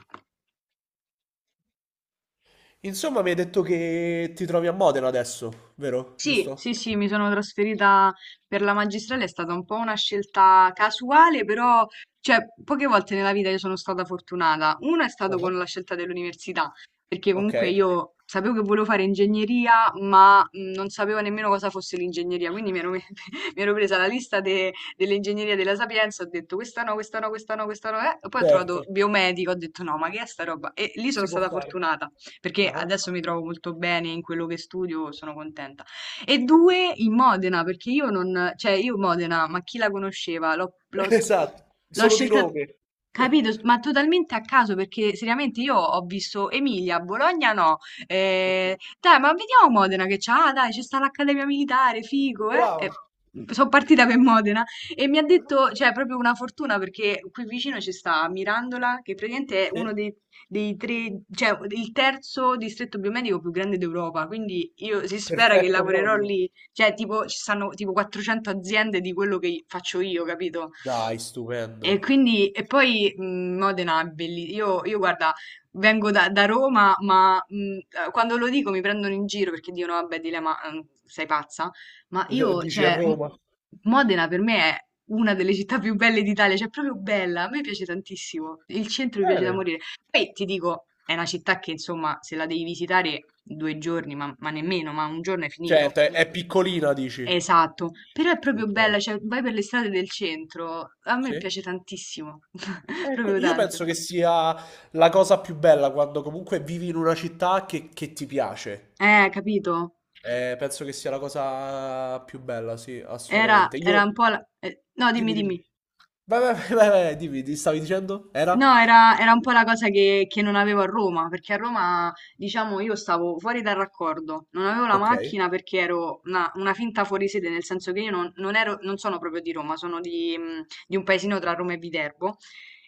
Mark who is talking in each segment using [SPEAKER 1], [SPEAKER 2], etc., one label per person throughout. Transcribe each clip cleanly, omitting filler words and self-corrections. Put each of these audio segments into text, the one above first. [SPEAKER 1] Io
[SPEAKER 2] Insomma, mi hai detto che ti trovi a Modena adesso, vero?
[SPEAKER 1] Sì,
[SPEAKER 2] Giusto?
[SPEAKER 1] sì, sì, mi sono trasferita per la magistrale. È stata un po' una scelta casuale, però, cioè, poche volte nella vita io sono stata fortunata. Una è stato
[SPEAKER 2] Ah,
[SPEAKER 1] con la scelta dell'università, perché
[SPEAKER 2] ok,
[SPEAKER 1] comunque io sapevo che volevo fare ingegneria, ma non sapevo nemmeno cosa fosse l'ingegneria, quindi mi ero presa la lista dell'ingegneria della Sapienza. Ho detto questa no, questa no, questa no, questa no, e poi ho
[SPEAKER 2] certo.
[SPEAKER 1] trovato biomedico. Ho detto no, ma che è sta roba? E lì sono
[SPEAKER 2] Si può
[SPEAKER 1] stata
[SPEAKER 2] fare.
[SPEAKER 1] fortunata, perché
[SPEAKER 2] Ah,
[SPEAKER 1] adesso mi trovo molto bene in quello che studio, sono contenta. E
[SPEAKER 2] ok.
[SPEAKER 1] due in Modena, perché io non, cioè io Modena, ma chi la conosceva?
[SPEAKER 2] Esatto,
[SPEAKER 1] L'ho
[SPEAKER 2] solo di
[SPEAKER 1] scelta,
[SPEAKER 2] nome.
[SPEAKER 1] capito? Ma totalmente a caso, perché seriamente io ho visto Emilia, Bologna no.
[SPEAKER 2] Ok.
[SPEAKER 1] Dai, ma vediamo Modena che c'ha, ah, dai, c'è sta l'Accademia Militare, figo, eh? E
[SPEAKER 2] Brava.
[SPEAKER 1] sono partita per Modena e mi ha detto, cioè, proprio una fortuna perché qui vicino ci sta Mirandola, che praticamente è
[SPEAKER 2] Sì.
[SPEAKER 1] uno dei tre, cioè il terzo distretto biomedico più grande d'Europa, quindi io si spera che
[SPEAKER 2] Perfetto
[SPEAKER 1] lavorerò
[SPEAKER 2] proprio.
[SPEAKER 1] lì, cioè tipo ci stanno tipo 400 aziende di quello che faccio io, capito?
[SPEAKER 2] Dai,
[SPEAKER 1] E
[SPEAKER 2] stupendo.
[SPEAKER 1] quindi, e poi Modena è bellissima. Guarda, vengo da Roma, ma quando lo dico mi prendono in giro perché dicono, vabbè, Dile, ma sei pazza. Ma io,
[SPEAKER 2] Dici a
[SPEAKER 1] cioè,
[SPEAKER 2] Roma?
[SPEAKER 1] Modena per me è una delle città più belle d'Italia, cioè, è proprio bella. A me piace tantissimo. Il centro mi piace da
[SPEAKER 2] Bene.
[SPEAKER 1] morire. Poi ti dico, è una città che, insomma, se la devi visitare 2 giorni, ma nemmeno, ma un giorno è finito.
[SPEAKER 2] Cioè, è piccolina, dici?
[SPEAKER 1] Esatto, però è proprio
[SPEAKER 2] Ok.
[SPEAKER 1] bella, cioè vai per le strade del centro, a me
[SPEAKER 2] Sì.
[SPEAKER 1] piace tantissimo,
[SPEAKER 2] Ecco,
[SPEAKER 1] proprio
[SPEAKER 2] io
[SPEAKER 1] tanto.
[SPEAKER 2] penso che sia la cosa più bella quando comunque vivi in una città che ti piace.
[SPEAKER 1] Capito?
[SPEAKER 2] Penso che sia la cosa più bella, sì,
[SPEAKER 1] Era,
[SPEAKER 2] assolutamente.
[SPEAKER 1] era
[SPEAKER 2] Io...
[SPEAKER 1] un po' la... no, dimmi,
[SPEAKER 2] Dimmi, dimmi.
[SPEAKER 1] dimmi.
[SPEAKER 2] Vai, vai, vai, vai, vai, dimmi, ti stavi dicendo? Era?
[SPEAKER 1] No, era un po' la cosa che non avevo a Roma, perché a Roma, diciamo, io stavo fuori dal raccordo, non avevo la
[SPEAKER 2] Ok.
[SPEAKER 1] macchina perché ero una finta fuori sede, nel senso che io non ero, non sono proprio di Roma, sono di un paesino tra Roma e Viterbo,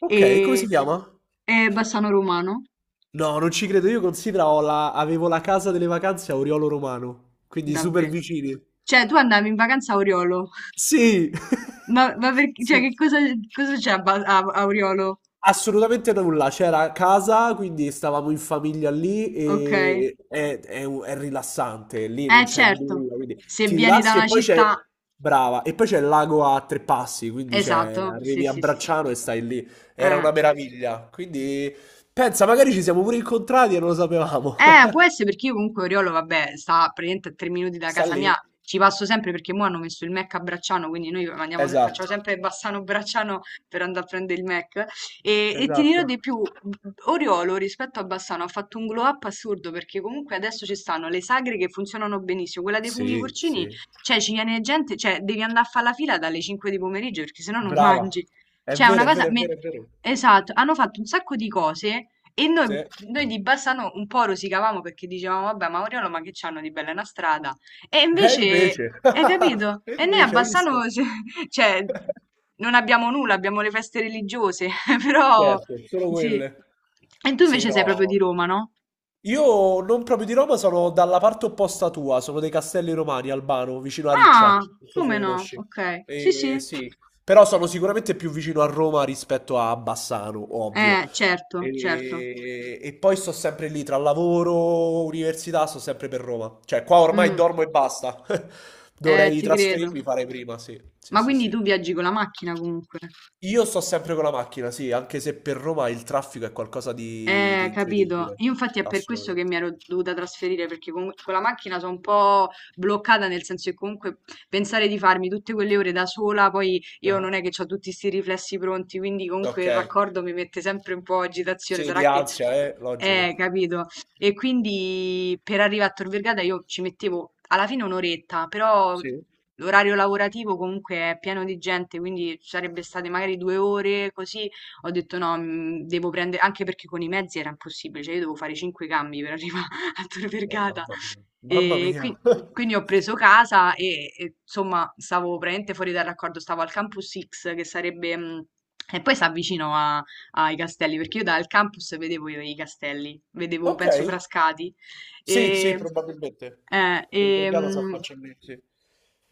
[SPEAKER 2] Ok, come si
[SPEAKER 1] e,
[SPEAKER 2] chiama?
[SPEAKER 1] e Bassano Romano,
[SPEAKER 2] No, non ci credo, io considero ho la... avevo la casa delle vacanze a Oriolo Romano, quindi super
[SPEAKER 1] davvero.
[SPEAKER 2] vicini.
[SPEAKER 1] Cioè, tu andavi in vacanza a Oriolo,
[SPEAKER 2] Sì!
[SPEAKER 1] ma perché, cioè,
[SPEAKER 2] Sì.
[SPEAKER 1] che cosa, cosa c'è a, Ba- a a Oriolo?
[SPEAKER 2] Assolutamente nulla, c'era a casa, quindi stavamo in famiglia lì
[SPEAKER 1] Ok, eh,
[SPEAKER 2] e è rilassante, lì non c'è
[SPEAKER 1] certo,
[SPEAKER 2] nulla, quindi
[SPEAKER 1] se
[SPEAKER 2] ti
[SPEAKER 1] vieni da
[SPEAKER 2] rilassi e
[SPEAKER 1] una
[SPEAKER 2] poi c'è,
[SPEAKER 1] città,
[SPEAKER 2] brava, e poi c'è il lago a tre passi, quindi c'è,
[SPEAKER 1] esatto, sì,
[SPEAKER 2] arrivi a
[SPEAKER 1] sì, sì.
[SPEAKER 2] Bracciano e stai lì, era
[SPEAKER 1] Eh.
[SPEAKER 2] una meraviglia, quindi pensa, magari ci siamo pure incontrati e non lo sapevamo.
[SPEAKER 1] Può essere perché io comunque Oriolo, vabbè, sta praticamente a 3 minuti da
[SPEAKER 2] Sta
[SPEAKER 1] casa
[SPEAKER 2] lì,
[SPEAKER 1] mia, ci passo sempre perché mo hanno messo il Mac a Bracciano, quindi facciamo
[SPEAKER 2] esatto,
[SPEAKER 1] sempre Bassano-Bracciano per andare a prendere il Mac. E, ti dirò
[SPEAKER 2] esatto,
[SPEAKER 1] di più, Oriolo rispetto a Bassano ha fatto un glow up assurdo perché comunque adesso ci stanno le sagre che funzionano benissimo, quella dei funghi
[SPEAKER 2] sì, sì.
[SPEAKER 1] porcini, cioè ci viene gente, cioè devi andare a fare la fila dalle 5 di pomeriggio perché sennò non
[SPEAKER 2] Brava,
[SPEAKER 1] mangi.
[SPEAKER 2] è
[SPEAKER 1] Cioè è una
[SPEAKER 2] vero, è
[SPEAKER 1] cosa...
[SPEAKER 2] vero, è vero, è vero,
[SPEAKER 1] Esatto, hanno fatto un sacco di cose e noi,
[SPEAKER 2] sì.
[SPEAKER 1] noi di Bassano un po' rosicavamo perché dicevamo, vabbè, ma Oriolo, ma che c'hanno di bella è una strada? E invece,
[SPEAKER 2] Invece,
[SPEAKER 1] hai capito?
[SPEAKER 2] e
[SPEAKER 1] E noi a
[SPEAKER 2] invece hai
[SPEAKER 1] Bassano,
[SPEAKER 2] visto?
[SPEAKER 1] cioè, non abbiamo nulla, abbiamo le feste religiose, però,
[SPEAKER 2] Certo, solo
[SPEAKER 1] sì.
[SPEAKER 2] quelle.
[SPEAKER 1] E tu
[SPEAKER 2] Sì,
[SPEAKER 1] invece sei proprio di
[SPEAKER 2] no.
[SPEAKER 1] Roma, no?
[SPEAKER 2] Io non proprio di Roma, sono dalla parte opposta tua, sono dei Castelli Romani, Albano, vicino a Riccia.
[SPEAKER 1] Ah,
[SPEAKER 2] Non so se
[SPEAKER 1] come no?
[SPEAKER 2] conosci.
[SPEAKER 1] Ok, sì, sì.
[SPEAKER 2] Sì, però sono sicuramente più vicino a Roma rispetto a Bassano, ovvio.
[SPEAKER 1] Certo, certo.
[SPEAKER 2] E poi sto sempre lì tra lavoro, università, sto sempre per Roma. Cioè, qua ormai
[SPEAKER 1] Mm,
[SPEAKER 2] dormo e basta. Dovrei
[SPEAKER 1] ti credo.
[SPEAKER 2] trasferirmi, fare prima, sì. Sì,
[SPEAKER 1] Ma
[SPEAKER 2] sì,
[SPEAKER 1] quindi
[SPEAKER 2] sì.
[SPEAKER 1] tu viaggi con la macchina comunque?
[SPEAKER 2] Io sto sempre con la macchina, sì, anche se per Roma il traffico è qualcosa di
[SPEAKER 1] Capito.
[SPEAKER 2] incredibile.
[SPEAKER 1] Io infatti è per questo che
[SPEAKER 2] Assolutamente.
[SPEAKER 1] mi ero dovuta trasferire, perché con la macchina sono un po' bloccata, nel senso che comunque pensare di farmi tutte quelle ore da sola, poi io
[SPEAKER 2] Ah,
[SPEAKER 1] non è che ho tutti questi riflessi pronti, quindi comunque
[SPEAKER 2] ok.
[SPEAKER 1] il raccordo mi mette sempre un po' agitazione.
[SPEAKER 2] Sì, di
[SPEAKER 1] Sarà che
[SPEAKER 2] ansia, logico.
[SPEAKER 1] capito. E quindi per arrivare a Tor Vergata io ci mettevo alla fine un'oretta, però
[SPEAKER 2] Sì.
[SPEAKER 1] l'orario lavorativo comunque è pieno di gente, quindi ci sarebbe state magari 2 ore così. Ho detto no, devo prendere, anche perché con i mezzi era impossibile, cioè io devo fare cinque cambi per arrivare a Tor Vergata.
[SPEAKER 2] Mamma mia. Mamma
[SPEAKER 1] E
[SPEAKER 2] mia.
[SPEAKER 1] qui- quindi ho preso casa e insomma stavo praticamente fuori dal raccordo, stavo al Campus X che sarebbe... e poi si avvicino ai castelli, perché io dal campus vedevo i castelli, vedevo,
[SPEAKER 2] Ok.
[SPEAKER 1] penso, Frascati.
[SPEAKER 2] Sì, sì,
[SPEAKER 1] E,
[SPEAKER 2] probabilmente.
[SPEAKER 1] eh,
[SPEAKER 2] Col
[SPEAKER 1] e,
[SPEAKER 2] Vergata si
[SPEAKER 1] mh,
[SPEAKER 2] affaccia lì, sì.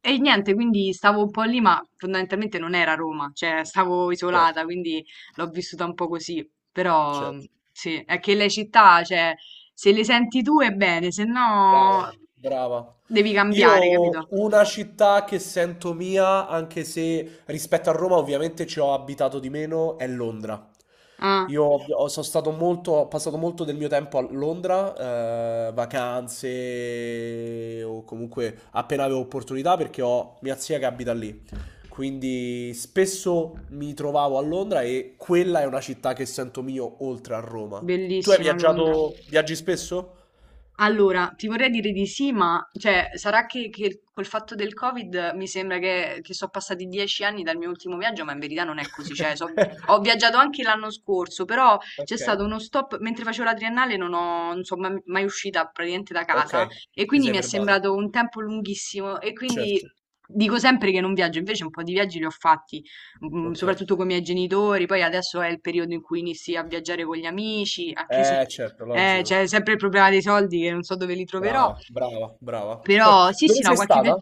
[SPEAKER 1] e niente, quindi stavo un po' lì, ma fondamentalmente non era Roma, cioè stavo
[SPEAKER 2] Certo,
[SPEAKER 1] isolata, quindi l'ho vissuta un po' così. Però
[SPEAKER 2] certo.
[SPEAKER 1] sì, è che le città, cioè, se le senti tu è bene, se
[SPEAKER 2] Brava,
[SPEAKER 1] no
[SPEAKER 2] brava.
[SPEAKER 1] devi cambiare,
[SPEAKER 2] Io
[SPEAKER 1] capito?
[SPEAKER 2] una città che sento mia, anche se rispetto a Roma ovviamente ci ho abitato di meno, è Londra.
[SPEAKER 1] Ah,
[SPEAKER 2] Sono stato molto, ho passato molto del mio tempo a Londra, vacanze o comunque appena avevo opportunità perché ho mia zia che abita lì. Quindi spesso mi trovavo a Londra e quella è una città che sento mio oltre a Roma. Tu hai
[SPEAKER 1] bellissima Londra.
[SPEAKER 2] viaggiato, viaggi spesso?
[SPEAKER 1] Allora, ti vorrei dire di sì, ma cioè, sarà che col fatto del Covid mi sembra che sono passati 10 anni dal mio ultimo viaggio, ma in verità non è così. Cioè, ho viaggiato anche l'anno scorso, però c'è
[SPEAKER 2] Ok,
[SPEAKER 1] stato uno stop mentre facevo la triennale, non sono mai, mai uscita praticamente da
[SPEAKER 2] ok,
[SPEAKER 1] casa e
[SPEAKER 2] ti
[SPEAKER 1] quindi
[SPEAKER 2] sei
[SPEAKER 1] mi è
[SPEAKER 2] fermata,
[SPEAKER 1] sembrato un tempo lunghissimo e quindi
[SPEAKER 2] certo,
[SPEAKER 1] dico sempre che non viaggio, invece un po' di viaggi li ho fatti,
[SPEAKER 2] ok,
[SPEAKER 1] soprattutto con i miei genitori, poi adesso è il periodo in cui inizi a viaggiare con gli amici, anche se
[SPEAKER 2] eh certo, logico,
[SPEAKER 1] c'è sempre il problema dei soldi che non so dove li troverò,
[SPEAKER 2] brava, brava, brava.
[SPEAKER 1] però sì, sì,
[SPEAKER 2] Dove
[SPEAKER 1] no,
[SPEAKER 2] sei
[SPEAKER 1] qualche viaggio.
[SPEAKER 2] stata?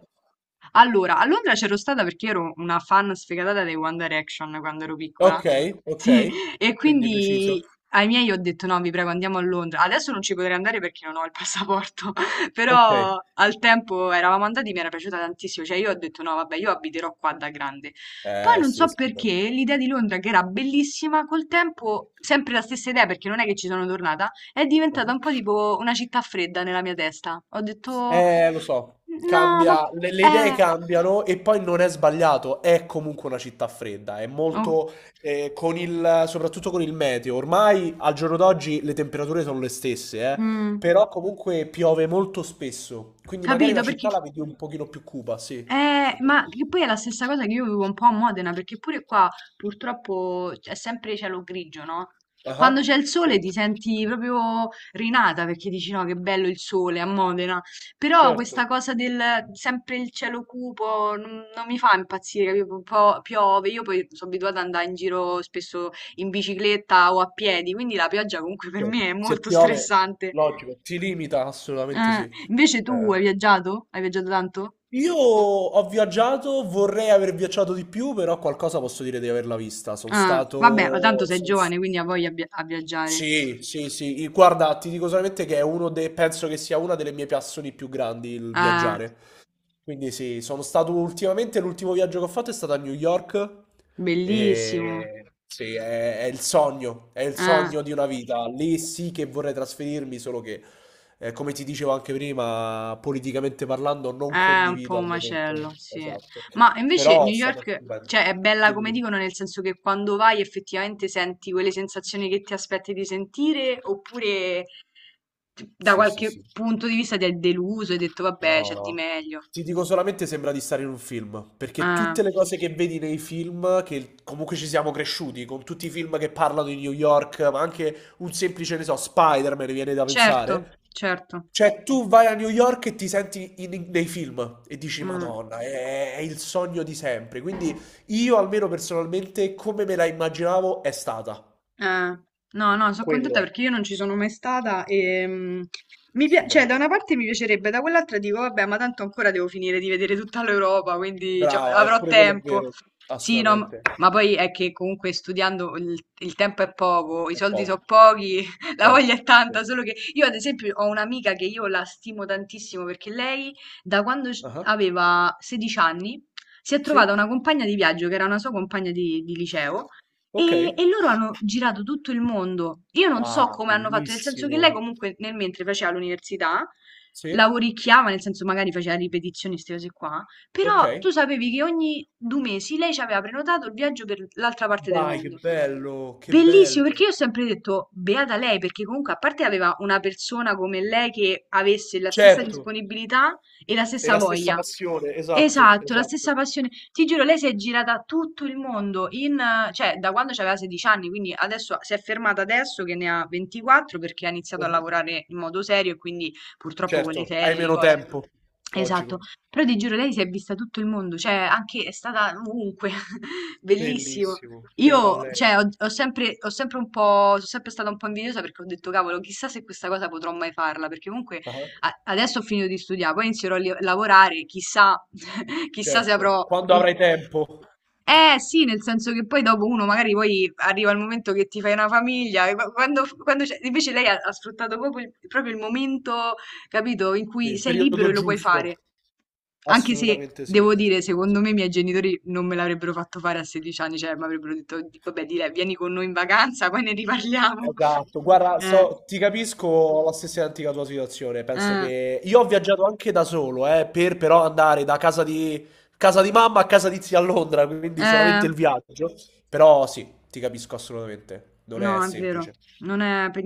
[SPEAKER 1] Allora, a Londra c'ero stata perché ero una fan sfegatata dei One Direction quando ero piccola.
[SPEAKER 2] Ok, ok,
[SPEAKER 1] Sì, e
[SPEAKER 2] quindi preciso,
[SPEAKER 1] quindi ai miei ho detto no, vi prego, andiamo a Londra. Adesso non ci potrei andare perché non ho il passaporto,
[SPEAKER 2] ok,
[SPEAKER 1] però al tempo eravamo andati, mi era piaciuta tantissimo. Cioè io ho detto no, vabbè, io abiterò qua da grande. Poi
[SPEAKER 2] eh
[SPEAKER 1] non
[SPEAKER 2] sì, è
[SPEAKER 1] so perché
[SPEAKER 2] stupendo.
[SPEAKER 1] l'idea di Londra, che era bellissima, col tempo, sempre la stessa idea perché non è che ci sono tornata, è diventata
[SPEAKER 2] Ah.
[SPEAKER 1] un po' tipo una città fredda nella mia testa. Ho detto
[SPEAKER 2] Lo so,
[SPEAKER 1] no, ma...
[SPEAKER 2] cambia, le idee
[SPEAKER 1] Eh,
[SPEAKER 2] cambiano e poi non è sbagliato, è comunque una città fredda, è
[SPEAKER 1] oh,
[SPEAKER 2] molto, con il, soprattutto con il meteo, ormai al giorno d'oggi le temperature sono le stesse,
[SPEAKER 1] mm,
[SPEAKER 2] però comunque piove molto spesso, quindi magari la
[SPEAKER 1] capito perché?
[SPEAKER 2] città la vedi un pochino più cupa, sì. Sono
[SPEAKER 1] Ma
[SPEAKER 2] d'accordo.
[SPEAKER 1] che poi è la stessa cosa che io vivo un po' a Modena, perché pure qua purtroppo è sempre cielo grigio, no? Quando
[SPEAKER 2] Ah,
[SPEAKER 1] c'è il sole ti senti proprio rinata perché dici no, che bello il sole a Modena. Però
[SPEAKER 2] certo,
[SPEAKER 1] questa cosa del sempre il cielo cupo non mi fa impazzire, capito? Un po' piove, io poi sono abituata ad andare in giro spesso in bicicletta o a piedi, quindi la pioggia comunque per
[SPEAKER 2] certo.
[SPEAKER 1] me è
[SPEAKER 2] Se
[SPEAKER 1] molto
[SPEAKER 2] piove,
[SPEAKER 1] stressante.
[SPEAKER 2] logico, ti limita, assolutamente
[SPEAKER 1] Ah,
[SPEAKER 2] sì.
[SPEAKER 1] invece tu
[SPEAKER 2] Eh.
[SPEAKER 1] hai viaggiato? Hai viaggiato tanto?
[SPEAKER 2] Io ho viaggiato, vorrei aver viaggiato di più, però qualcosa posso dire di averla vista. Sono
[SPEAKER 1] Ah, vabbè, ma tanto
[SPEAKER 2] stato...
[SPEAKER 1] sei
[SPEAKER 2] son-
[SPEAKER 1] giovane, quindi ha voglia a a viaggiare.
[SPEAKER 2] Sì, sì, sì. Guarda, ti dico solamente che è uno dei... penso che sia una delle mie passioni più grandi il
[SPEAKER 1] Ah,
[SPEAKER 2] viaggiare. Quindi sì, sono stato ultimamente, l'ultimo viaggio che ho fatto è stato a New York
[SPEAKER 1] bellissimo.
[SPEAKER 2] e sì, è il
[SPEAKER 1] Ah,
[SPEAKER 2] sogno di una vita. Lì sì che vorrei trasferirmi, solo che, come ti dicevo anche prima, politicamente parlando non
[SPEAKER 1] è un po'
[SPEAKER 2] condivido al
[SPEAKER 1] un
[SPEAKER 2] momento
[SPEAKER 1] macello, sì.
[SPEAKER 2] esatto.
[SPEAKER 1] Ma invece
[SPEAKER 2] Però è
[SPEAKER 1] New
[SPEAKER 2] stato
[SPEAKER 1] York,
[SPEAKER 2] stupendo.
[SPEAKER 1] cioè, è bella
[SPEAKER 2] Dimmi
[SPEAKER 1] come
[SPEAKER 2] tu.
[SPEAKER 1] dicono, nel senso che quando vai effettivamente senti quelle sensazioni che ti aspetti di sentire, oppure da
[SPEAKER 2] Sì, sì,
[SPEAKER 1] qualche
[SPEAKER 2] sì.
[SPEAKER 1] punto di vista ti è deluso e hai detto, vabbè, c'è di
[SPEAKER 2] No,
[SPEAKER 1] meglio.
[SPEAKER 2] ti dico solamente sembra di stare in un film, perché
[SPEAKER 1] Ah,
[SPEAKER 2] tutte le cose che vedi nei film, che comunque ci siamo cresciuti, con tutti i film che parlano di New York, ma anche un semplice, ne so, Spider-Man viene da
[SPEAKER 1] certo,
[SPEAKER 2] pensare.
[SPEAKER 1] certo.
[SPEAKER 2] Cioè, tu vai a New York e nei film e dici,
[SPEAKER 1] Mm.
[SPEAKER 2] Madonna, è il sogno di sempre. Quindi io, almeno personalmente, come me la immaginavo, è stata.
[SPEAKER 1] Ah, no, no, sono
[SPEAKER 2] Quello
[SPEAKER 1] contenta
[SPEAKER 2] è.
[SPEAKER 1] perché io non ci sono mai stata e cioè, da
[SPEAKER 2] Stupendo.
[SPEAKER 1] una parte mi piacerebbe, da quell'altra dico, vabbè, ma tanto ancora devo finire di vedere tutta l'Europa, quindi cioè,
[SPEAKER 2] Brava,
[SPEAKER 1] avrò
[SPEAKER 2] eppure quello è
[SPEAKER 1] tempo.
[SPEAKER 2] vero.
[SPEAKER 1] Sì, no,
[SPEAKER 2] Assolutamente.
[SPEAKER 1] ma poi è che comunque studiando il tempo è poco, i
[SPEAKER 2] È
[SPEAKER 1] soldi
[SPEAKER 2] poco,
[SPEAKER 1] sono pochi, la voglia
[SPEAKER 2] certo,
[SPEAKER 1] è
[SPEAKER 2] cer
[SPEAKER 1] tanta, solo che io ad esempio ho un'amica che io la stimo tantissimo perché lei da quando
[SPEAKER 2] ah-ah,
[SPEAKER 1] aveva 16 anni si è
[SPEAKER 2] sì,
[SPEAKER 1] trovata una compagna di viaggio che era una sua compagna di liceo e,
[SPEAKER 2] okay.
[SPEAKER 1] e loro hanno girato tutto il mondo. Io non so
[SPEAKER 2] Ah,
[SPEAKER 1] come hanno fatto, nel senso che lei
[SPEAKER 2] bellissimo.
[SPEAKER 1] comunque nel mentre faceva l'università,
[SPEAKER 2] Sì,
[SPEAKER 1] lavoricchiava, nel senso magari faceva ripetizioni, queste cose qua, però
[SPEAKER 2] okay.
[SPEAKER 1] tu sapevi che ogni 2 mesi lei ci aveva prenotato il viaggio per l'altra parte del
[SPEAKER 2] Dai, che
[SPEAKER 1] mondo.
[SPEAKER 2] bello, che bello.
[SPEAKER 1] Bellissimo, perché io ho sempre detto, beata lei, perché comunque a parte aveva una persona come lei che avesse la stessa
[SPEAKER 2] Certo,
[SPEAKER 1] disponibilità e la
[SPEAKER 2] è
[SPEAKER 1] stessa
[SPEAKER 2] la stessa
[SPEAKER 1] voglia.
[SPEAKER 2] passione, esatto,
[SPEAKER 1] Esatto, la
[SPEAKER 2] esatto.
[SPEAKER 1] stessa passione. Ti giuro, lei si è girata tutto il mondo in, cioè, da quando aveva 16 anni, quindi adesso si è fermata adesso che ne ha 24 perché ha iniziato a
[SPEAKER 2] Mh-mh.
[SPEAKER 1] lavorare in modo serio e quindi purtroppo con
[SPEAKER 2] Certo,
[SPEAKER 1] le
[SPEAKER 2] hai
[SPEAKER 1] ferie, le
[SPEAKER 2] meno
[SPEAKER 1] cose.
[SPEAKER 2] tempo, logico.
[SPEAKER 1] Esatto. Però ti giuro lei si è vista tutto il mondo, cioè anche è stata ovunque, bellissimo.
[SPEAKER 2] Bellissimo, beata a
[SPEAKER 1] Io,
[SPEAKER 2] lei.
[SPEAKER 1] cioè, ho, ho sempre un po', sono sempre stata un po' invidiosa perché ho detto, cavolo, chissà se questa cosa potrò mai farla, perché comunque
[SPEAKER 2] Ah-ah,
[SPEAKER 1] adesso ho finito di studiare, poi inizierò a lavorare, chissà, chissà se
[SPEAKER 2] certo.
[SPEAKER 1] avrò...
[SPEAKER 2] Quando
[SPEAKER 1] il...
[SPEAKER 2] avrai tempo.
[SPEAKER 1] Eh sì, nel senso che poi dopo uno magari poi arriva il momento che ti fai una famiglia, e invece lei ha sfruttato proprio il momento, capito, in
[SPEAKER 2] Sì,
[SPEAKER 1] cui
[SPEAKER 2] il
[SPEAKER 1] sei libero
[SPEAKER 2] periodo
[SPEAKER 1] e lo puoi
[SPEAKER 2] giusto.
[SPEAKER 1] fare. Anche se
[SPEAKER 2] Assolutamente sì,
[SPEAKER 1] devo dire,
[SPEAKER 2] assolutamente
[SPEAKER 1] secondo
[SPEAKER 2] sì.
[SPEAKER 1] me i miei genitori non me l'avrebbero fatto fare a 16 anni, cioè mi avrebbero detto, Vabbè, di lei, vieni con noi in vacanza, poi ne riparliamo."
[SPEAKER 2] Esatto, guarda,
[SPEAKER 1] Eh,
[SPEAKER 2] so- ti capisco ho la stessa identica tua situazione. Penso
[SPEAKER 1] eh,
[SPEAKER 2] che io ho viaggiato anche da solo, per però andare da casa di mamma a casa di zia a Londra, quindi
[SPEAKER 1] eh,
[SPEAKER 2] solamente il viaggio. Però sì, ti capisco assolutamente. Non è
[SPEAKER 1] no, è vero,
[SPEAKER 2] semplice.
[SPEAKER 1] non è per